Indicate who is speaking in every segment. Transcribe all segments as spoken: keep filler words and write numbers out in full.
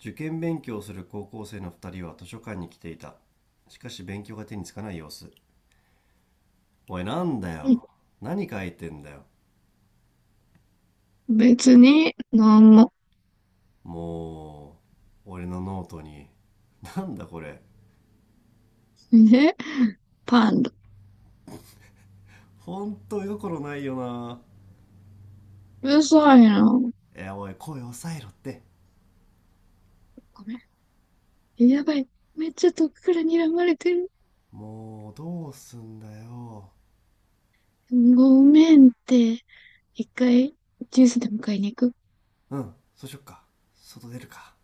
Speaker 1: 受験勉強をする高校生の二人は図書館に来ていた。しかし勉強が手につかない様子。おい、なんだよ。何書いてんだよ。
Speaker 2: 別に、なんも。
Speaker 1: もう、俺のノートに。なんだこれ。
Speaker 2: ね、パンダ。
Speaker 1: ほんと絵心ないよな。
Speaker 2: うるさいな。ご
Speaker 1: え、おい、声抑えろって。
Speaker 2: めん。やばい。めっちゃ遠くから睨まれてる。
Speaker 1: もう、どうすんだよ。
Speaker 2: ごめんって。一回、ジュースでも買いに行く。
Speaker 1: うん、そうしよっか。外出るか。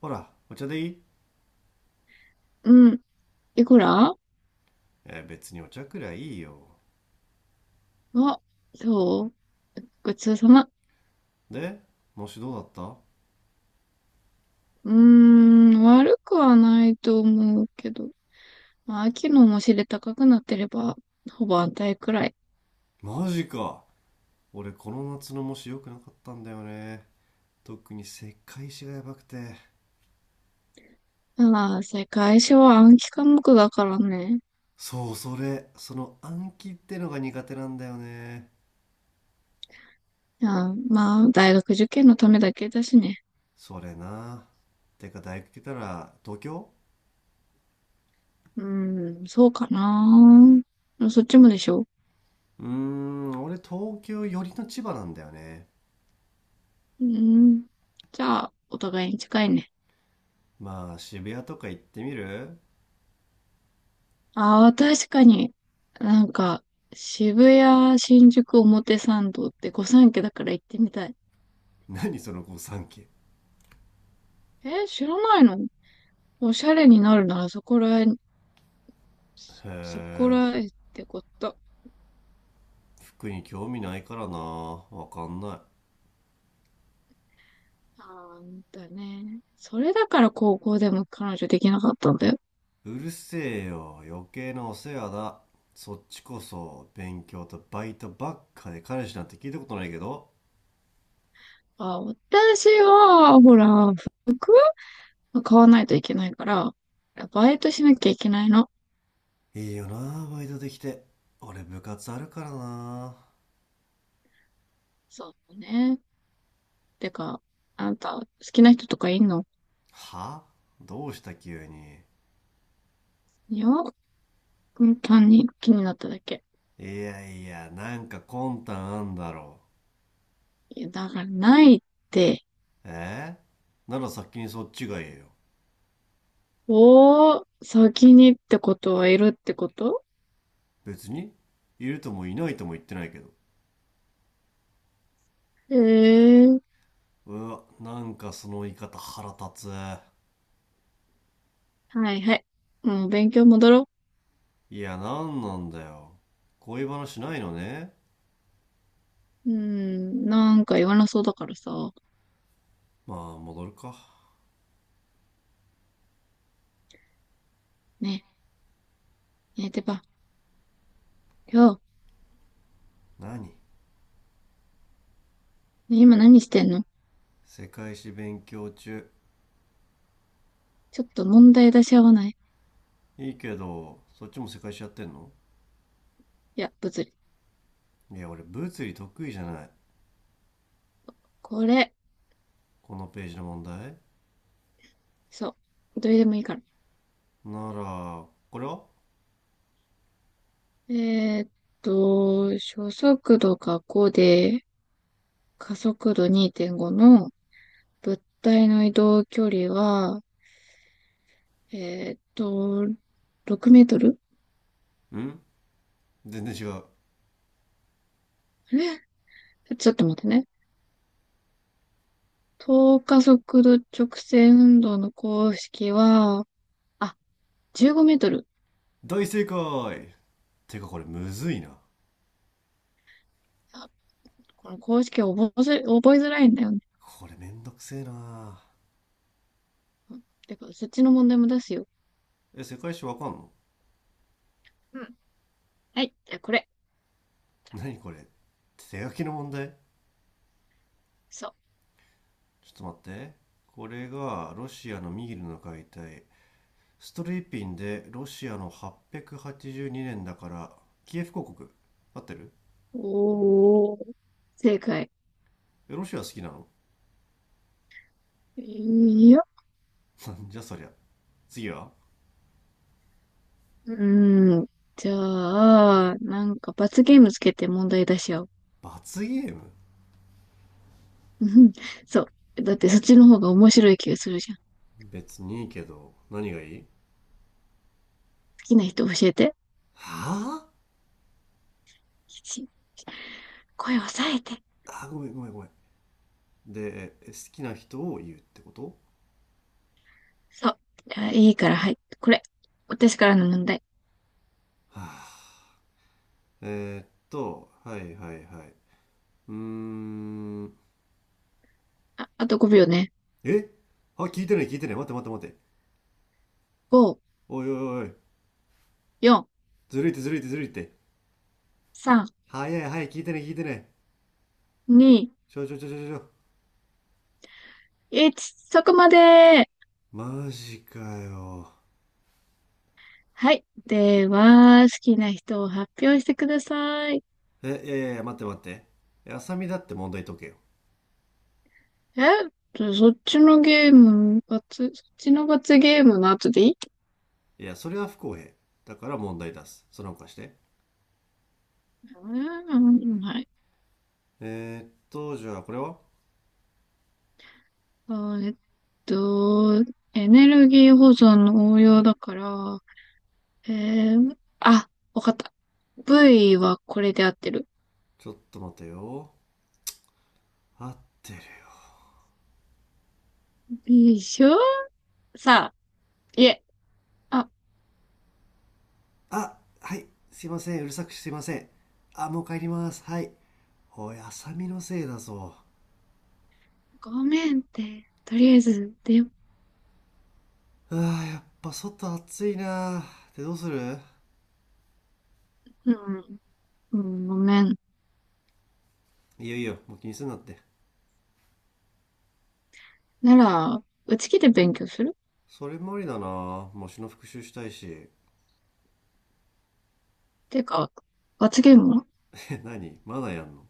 Speaker 1: ほら、お茶でいい。
Speaker 2: うん。いくら。
Speaker 1: え、別にお茶くらいいいよ。
Speaker 2: あ、そう。ごちそうさま。
Speaker 1: で、模試どうだった？
Speaker 2: うーん、悪くはないと思うけど。まあ、秋のもしれ高くなってれば、ほぼ安泰くらい。
Speaker 1: マジか。俺、この夏の模試良くなかったんだよね。特に世界史がやばくて。
Speaker 2: ああ、世界史は暗記科目だからね。
Speaker 1: そう、それ、その暗記ってのが苦手なんだよね。
Speaker 2: ああ、まあ、大学受験のためだけだしね。
Speaker 1: それな。てか大学来たら東京？
Speaker 2: うん、そうかな。でもそっちもでしょ？
Speaker 1: うーん、俺東京寄りの千葉なんだよね。
Speaker 2: うん。じゃあ、お互いに近いね。
Speaker 1: まあ渋谷とか行ってみる？
Speaker 2: ああ、確かに。なんか、渋谷、新宿、表参道って御三家だから行ってみたい。
Speaker 1: 何その御三家。へ
Speaker 2: え、知らないの？おしゃれになるならそこらへん、そこ
Speaker 1: え、
Speaker 2: らへんってこと。
Speaker 1: 服に興味ないからな。わかんな
Speaker 2: あんだね。それだから高校でも彼女できなかったんだよ。
Speaker 1: い。うるせえよ、余計なお世話だ。そっちこそ勉強とバイトばっかで彼氏なんて聞いたことないけど。
Speaker 2: あ、私は、ほら、福買わないといけないから、バイトしなきゃいけないの。
Speaker 1: いいよなバイトできて。俺部活あるからな。
Speaker 2: そうね。てか、あんた、好きな人とかいんの？
Speaker 1: は？どうした急に。
Speaker 2: いや、単に気になっただけ。
Speaker 1: いやいや、なんか魂胆あんだろ。
Speaker 2: いや、だからないって。
Speaker 1: えー、なら先にそっちが言えよ。
Speaker 2: おー、先にってことはいるってこと？
Speaker 1: 別にいるともいないとも言ってないけど。
Speaker 2: ええー、
Speaker 1: うわ、なんかその言い方腹立つ。
Speaker 2: はいはい。もう勉強戻ろ
Speaker 1: いや、なんなんだよ。恋話ないのね。
Speaker 2: う。うーん、なんか言わなそうだからさ。
Speaker 1: まあ戻るか。
Speaker 2: ねえ、ねえ、てば、今日、
Speaker 1: 何。
Speaker 2: ね、今何してんの？
Speaker 1: 世界史勉強中。
Speaker 2: ちょっと問題出し合わない？
Speaker 1: いいけど、そっちも世界史やってんの？
Speaker 2: いや、物理。
Speaker 1: いや、俺物理得意じゃない。
Speaker 2: これ、
Speaker 1: このページの問題。
Speaker 2: そう、どれでもいいから。
Speaker 1: ならこれは。
Speaker 2: えーっと、初速度がごで、加速度にてんごの物体の移動距離は、えーっと、ろくメートル。
Speaker 1: うん。全然違う。
Speaker 2: あれちょっと待ってね。等加速度直線運動の公式は、あ、じゅうごメートル。
Speaker 1: 大正解。てかこれむずいな。
Speaker 2: あ、この公式覚えづ、覚えづらいんだよね。
Speaker 1: これめんどくせえな。
Speaker 2: うん、てか、そっちの問題も出すよ。
Speaker 1: え、世界史わかんの？
Speaker 2: うん。はい、じゃあこれ。
Speaker 1: 何これ。手書きの問題。
Speaker 2: そ
Speaker 1: ちょっと待って。これがロシアのミールの解体。ストリーピンでロシアのはっぴゃくはちじゅうにねんだから、キエフ公国。合ってる？
Speaker 2: う。おー、正解。
Speaker 1: え、ロシア好きなの？
Speaker 2: よ。
Speaker 1: なん じゃそりゃ。次は。
Speaker 2: うーん。じゃあ、なんか罰ゲームつけて問題出し合おう。
Speaker 1: 罰ゲーム？
Speaker 2: うん、そう。だってそっちの方が面白い気がするじゃん。好
Speaker 1: 別にいいけど、何がいい？
Speaker 2: きな人教えて。
Speaker 1: はぁあ、
Speaker 2: 吉、声を抑えて。
Speaker 1: あ、ごめんごめんごめん。で、好きな人を言うってこと？
Speaker 2: そう。じゃあいいから、はい。これ。私からの問題。
Speaker 1: はあ、えーっと、はいはいはい。うーん。
Speaker 2: あ、あとごびょうね。
Speaker 1: え、あ、聞いてない聞いてない。待って待って待って。
Speaker 2: ご、
Speaker 1: おいおいおい。
Speaker 2: よん、
Speaker 1: ずるいってずるいってずるいって。
Speaker 2: さん、
Speaker 1: 早い早い、聞いてない聞いてない。
Speaker 2: に、
Speaker 1: ちょちょちょちょちょ。
Speaker 2: いち。そこまで。
Speaker 1: マジかよ。
Speaker 2: はい。では、好きな人を発表してください。
Speaker 1: え、いやいやいや、待って待って。え、浅見だって問題解けよ。
Speaker 2: え、そっちのゲーム、罰、そっちの罰ゲームの後でいい？
Speaker 1: いや、それは不公平。だから問題出す。その他して。
Speaker 2: うん、うん、はい。
Speaker 1: えーっと、じゃあこれは。
Speaker 2: あーえっと、エネルギー保存の応用だから、えー、あ、わかった。V はこれで合ってる？
Speaker 1: ちょっと待てよ。合ってる。
Speaker 2: でしょ？さあ、いえ、あ、
Speaker 1: あ、はい、すいません、うるさくしてすいません。あ、もう帰ります、はい。おい、浅見のせいだぞ。
Speaker 2: ごめんって、とりあえず、でよ、
Speaker 1: ああ、やっぱ外暑いなぁ。で、どうする？
Speaker 2: うん、うん、ごめん。
Speaker 1: いいよいいよ、もう気にすんなって。
Speaker 2: なら、うち来て勉強する？
Speaker 1: それもありだなぁ、模試の復習したいし。
Speaker 2: てか、罰ゲームは？
Speaker 1: え、何、まだやんの？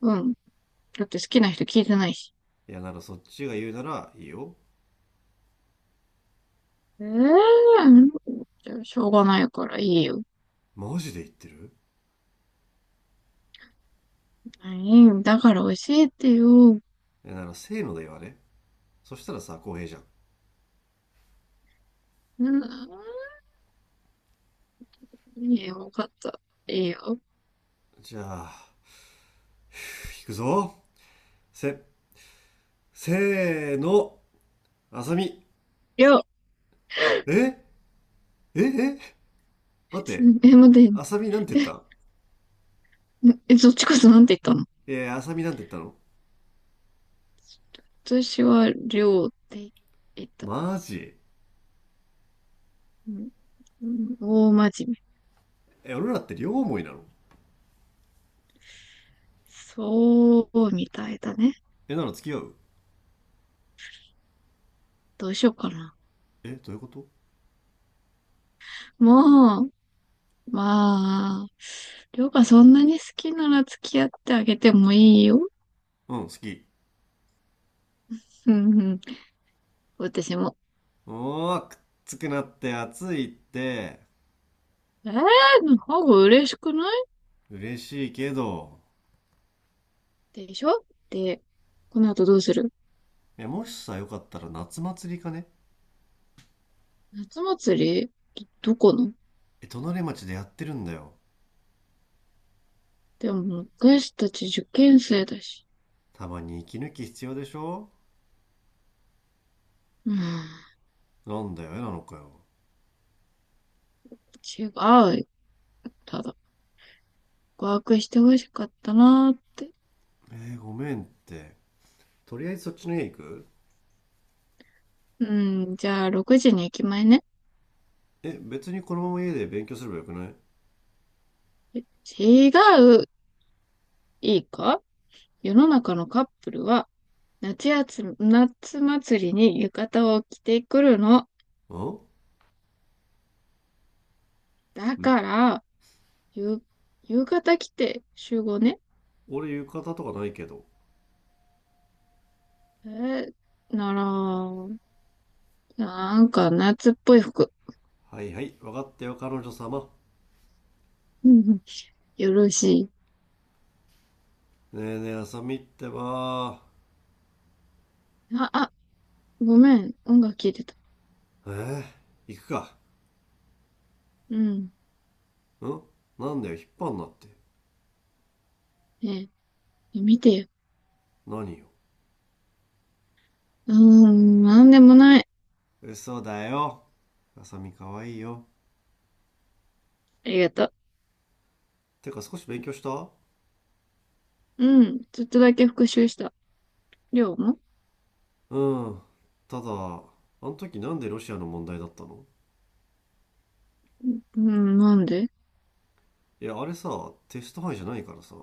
Speaker 2: うん。だって好きな人聞いてないし。
Speaker 1: いや、ならそっちが言うならいいよ。
Speaker 2: ええー、じゃあしょうがないからいいよ。
Speaker 1: マジで言ってる？
Speaker 2: はい、だから教えてよ。
Speaker 1: いや、ならせーので言わね。そしたらさ、公平じゃん。
Speaker 2: うん。いいよ、わかった。いいよ。
Speaker 1: じゃあ、行くぞ。せ、せーの、あさみ。
Speaker 2: りょう、
Speaker 1: えええ、待って、
Speaker 2: え、待って、
Speaker 1: あさみなんて言った？
Speaker 2: え、そっちこそなんて言ったの？
Speaker 1: えー、浅見なんて言ったの？
Speaker 2: 私は、りょうって言った。
Speaker 1: マジ？
Speaker 2: うん。うん、大真面目。
Speaker 1: え、俺らって両思いなの？
Speaker 2: そう、みたいだね。
Speaker 1: え、なら付き合う？
Speaker 2: どうしようかな。
Speaker 1: え、どういうこと？
Speaker 2: もう、まあ、りょうがそんなに好きなら付き合ってあげてもいいよ。
Speaker 1: うん、好き。
Speaker 2: うん、うん。私も。
Speaker 1: おー、くっつくなって、暑いって。
Speaker 2: えー、の方が嬉しくない？
Speaker 1: 嬉しいけど。
Speaker 2: でしょ？で、この後どうする？
Speaker 1: え、もしさ、よかったら夏祭りかね。
Speaker 2: 夏祭り？どこの？
Speaker 1: え、隣町でやってるんだよ。
Speaker 2: でも、私たち受験生だし。
Speaker 1: たまに息抜き必要でしょ？
Speaker 2: うん、
Speaker 1: なんだよ、えなのかよ。
Speaker 2: 違う。ただ、告白してほしかったなーって。
Speaker 1: えー、ごめんって。とりあえずそっちの家行く？
Speaker 2: うん、じゃあ、ろくじに駅前ね。
Speaker 1: え、別にこのまま家で勉強すればよくないん？
Speaker 2: 違う。いいか？世の中のカップルは、夏やつ、夏祭りに浴衣を着てくるの。だか
Speaker 1: ん、
Speaker 2: ら、ゆ、浴衣着て集合ね。
Speaker 1: 俺浴衣とかないけど。
Speaker 2: えー、なら、なんか夏っぽい服。
Speaker 1: はいはい、分かったよ、彼女様。
Speaker 2: うん、うん、よろしい。
Speaker 1: ねえねえ、浅見ってば。
Speaker 2: あ、あ、ごめん。音楽聴いてた。
Speaker 1: えー、行くか。
Speaker 2: うん。
Speaker 1: ん、なんだよ、引っ張んなって。
Speaker 2: ねえ、見てよ。
Speaker 1: 何よ。
Speaker 2: うーん、なんでもない。
Speaker 1: 嘘だよ。浅見可愛いよ。
Speaker 2: ありがとう。
Speaker 1: てか少し勉強した？
Speaker 2: うん、ちょっとだけ復習した。りょうも？
Speaker 1: うん。ただ、あの時なんでロシアの問題だったの？
Speaker 2: うん、なんで？
Speaker 1: いや、あれさ、テスト範囲じゃないからさ。ん、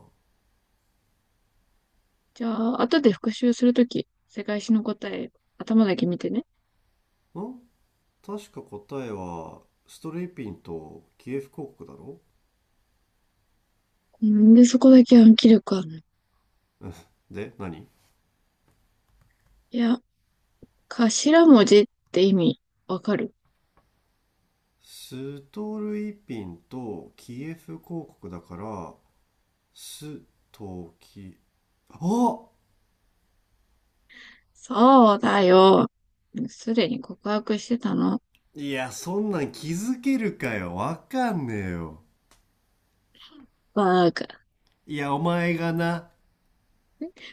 Speaker 2: じゃあ、後で復習するとき、世界史の答え、頭だけ見てね。
Speaker 1: 確か答えは、ストルイピンとキエフ公国だろ？
Speaker 2: なんで、そこだけ暗記力あるの？
Speaker 1: うん で、何？
Speaker 2: いや、頭文字って意味、わかる？
Speaker 1: ストルイピンとキエフ公国だから、スとキ。お。
Speaker 2: そうだよ。すでに告白してたの。
Speaker 1: いや、そんなん気づけるかよ。わかんねえよ。
Speaker 2: バーカ。
Speaker 1: いや、お前がな、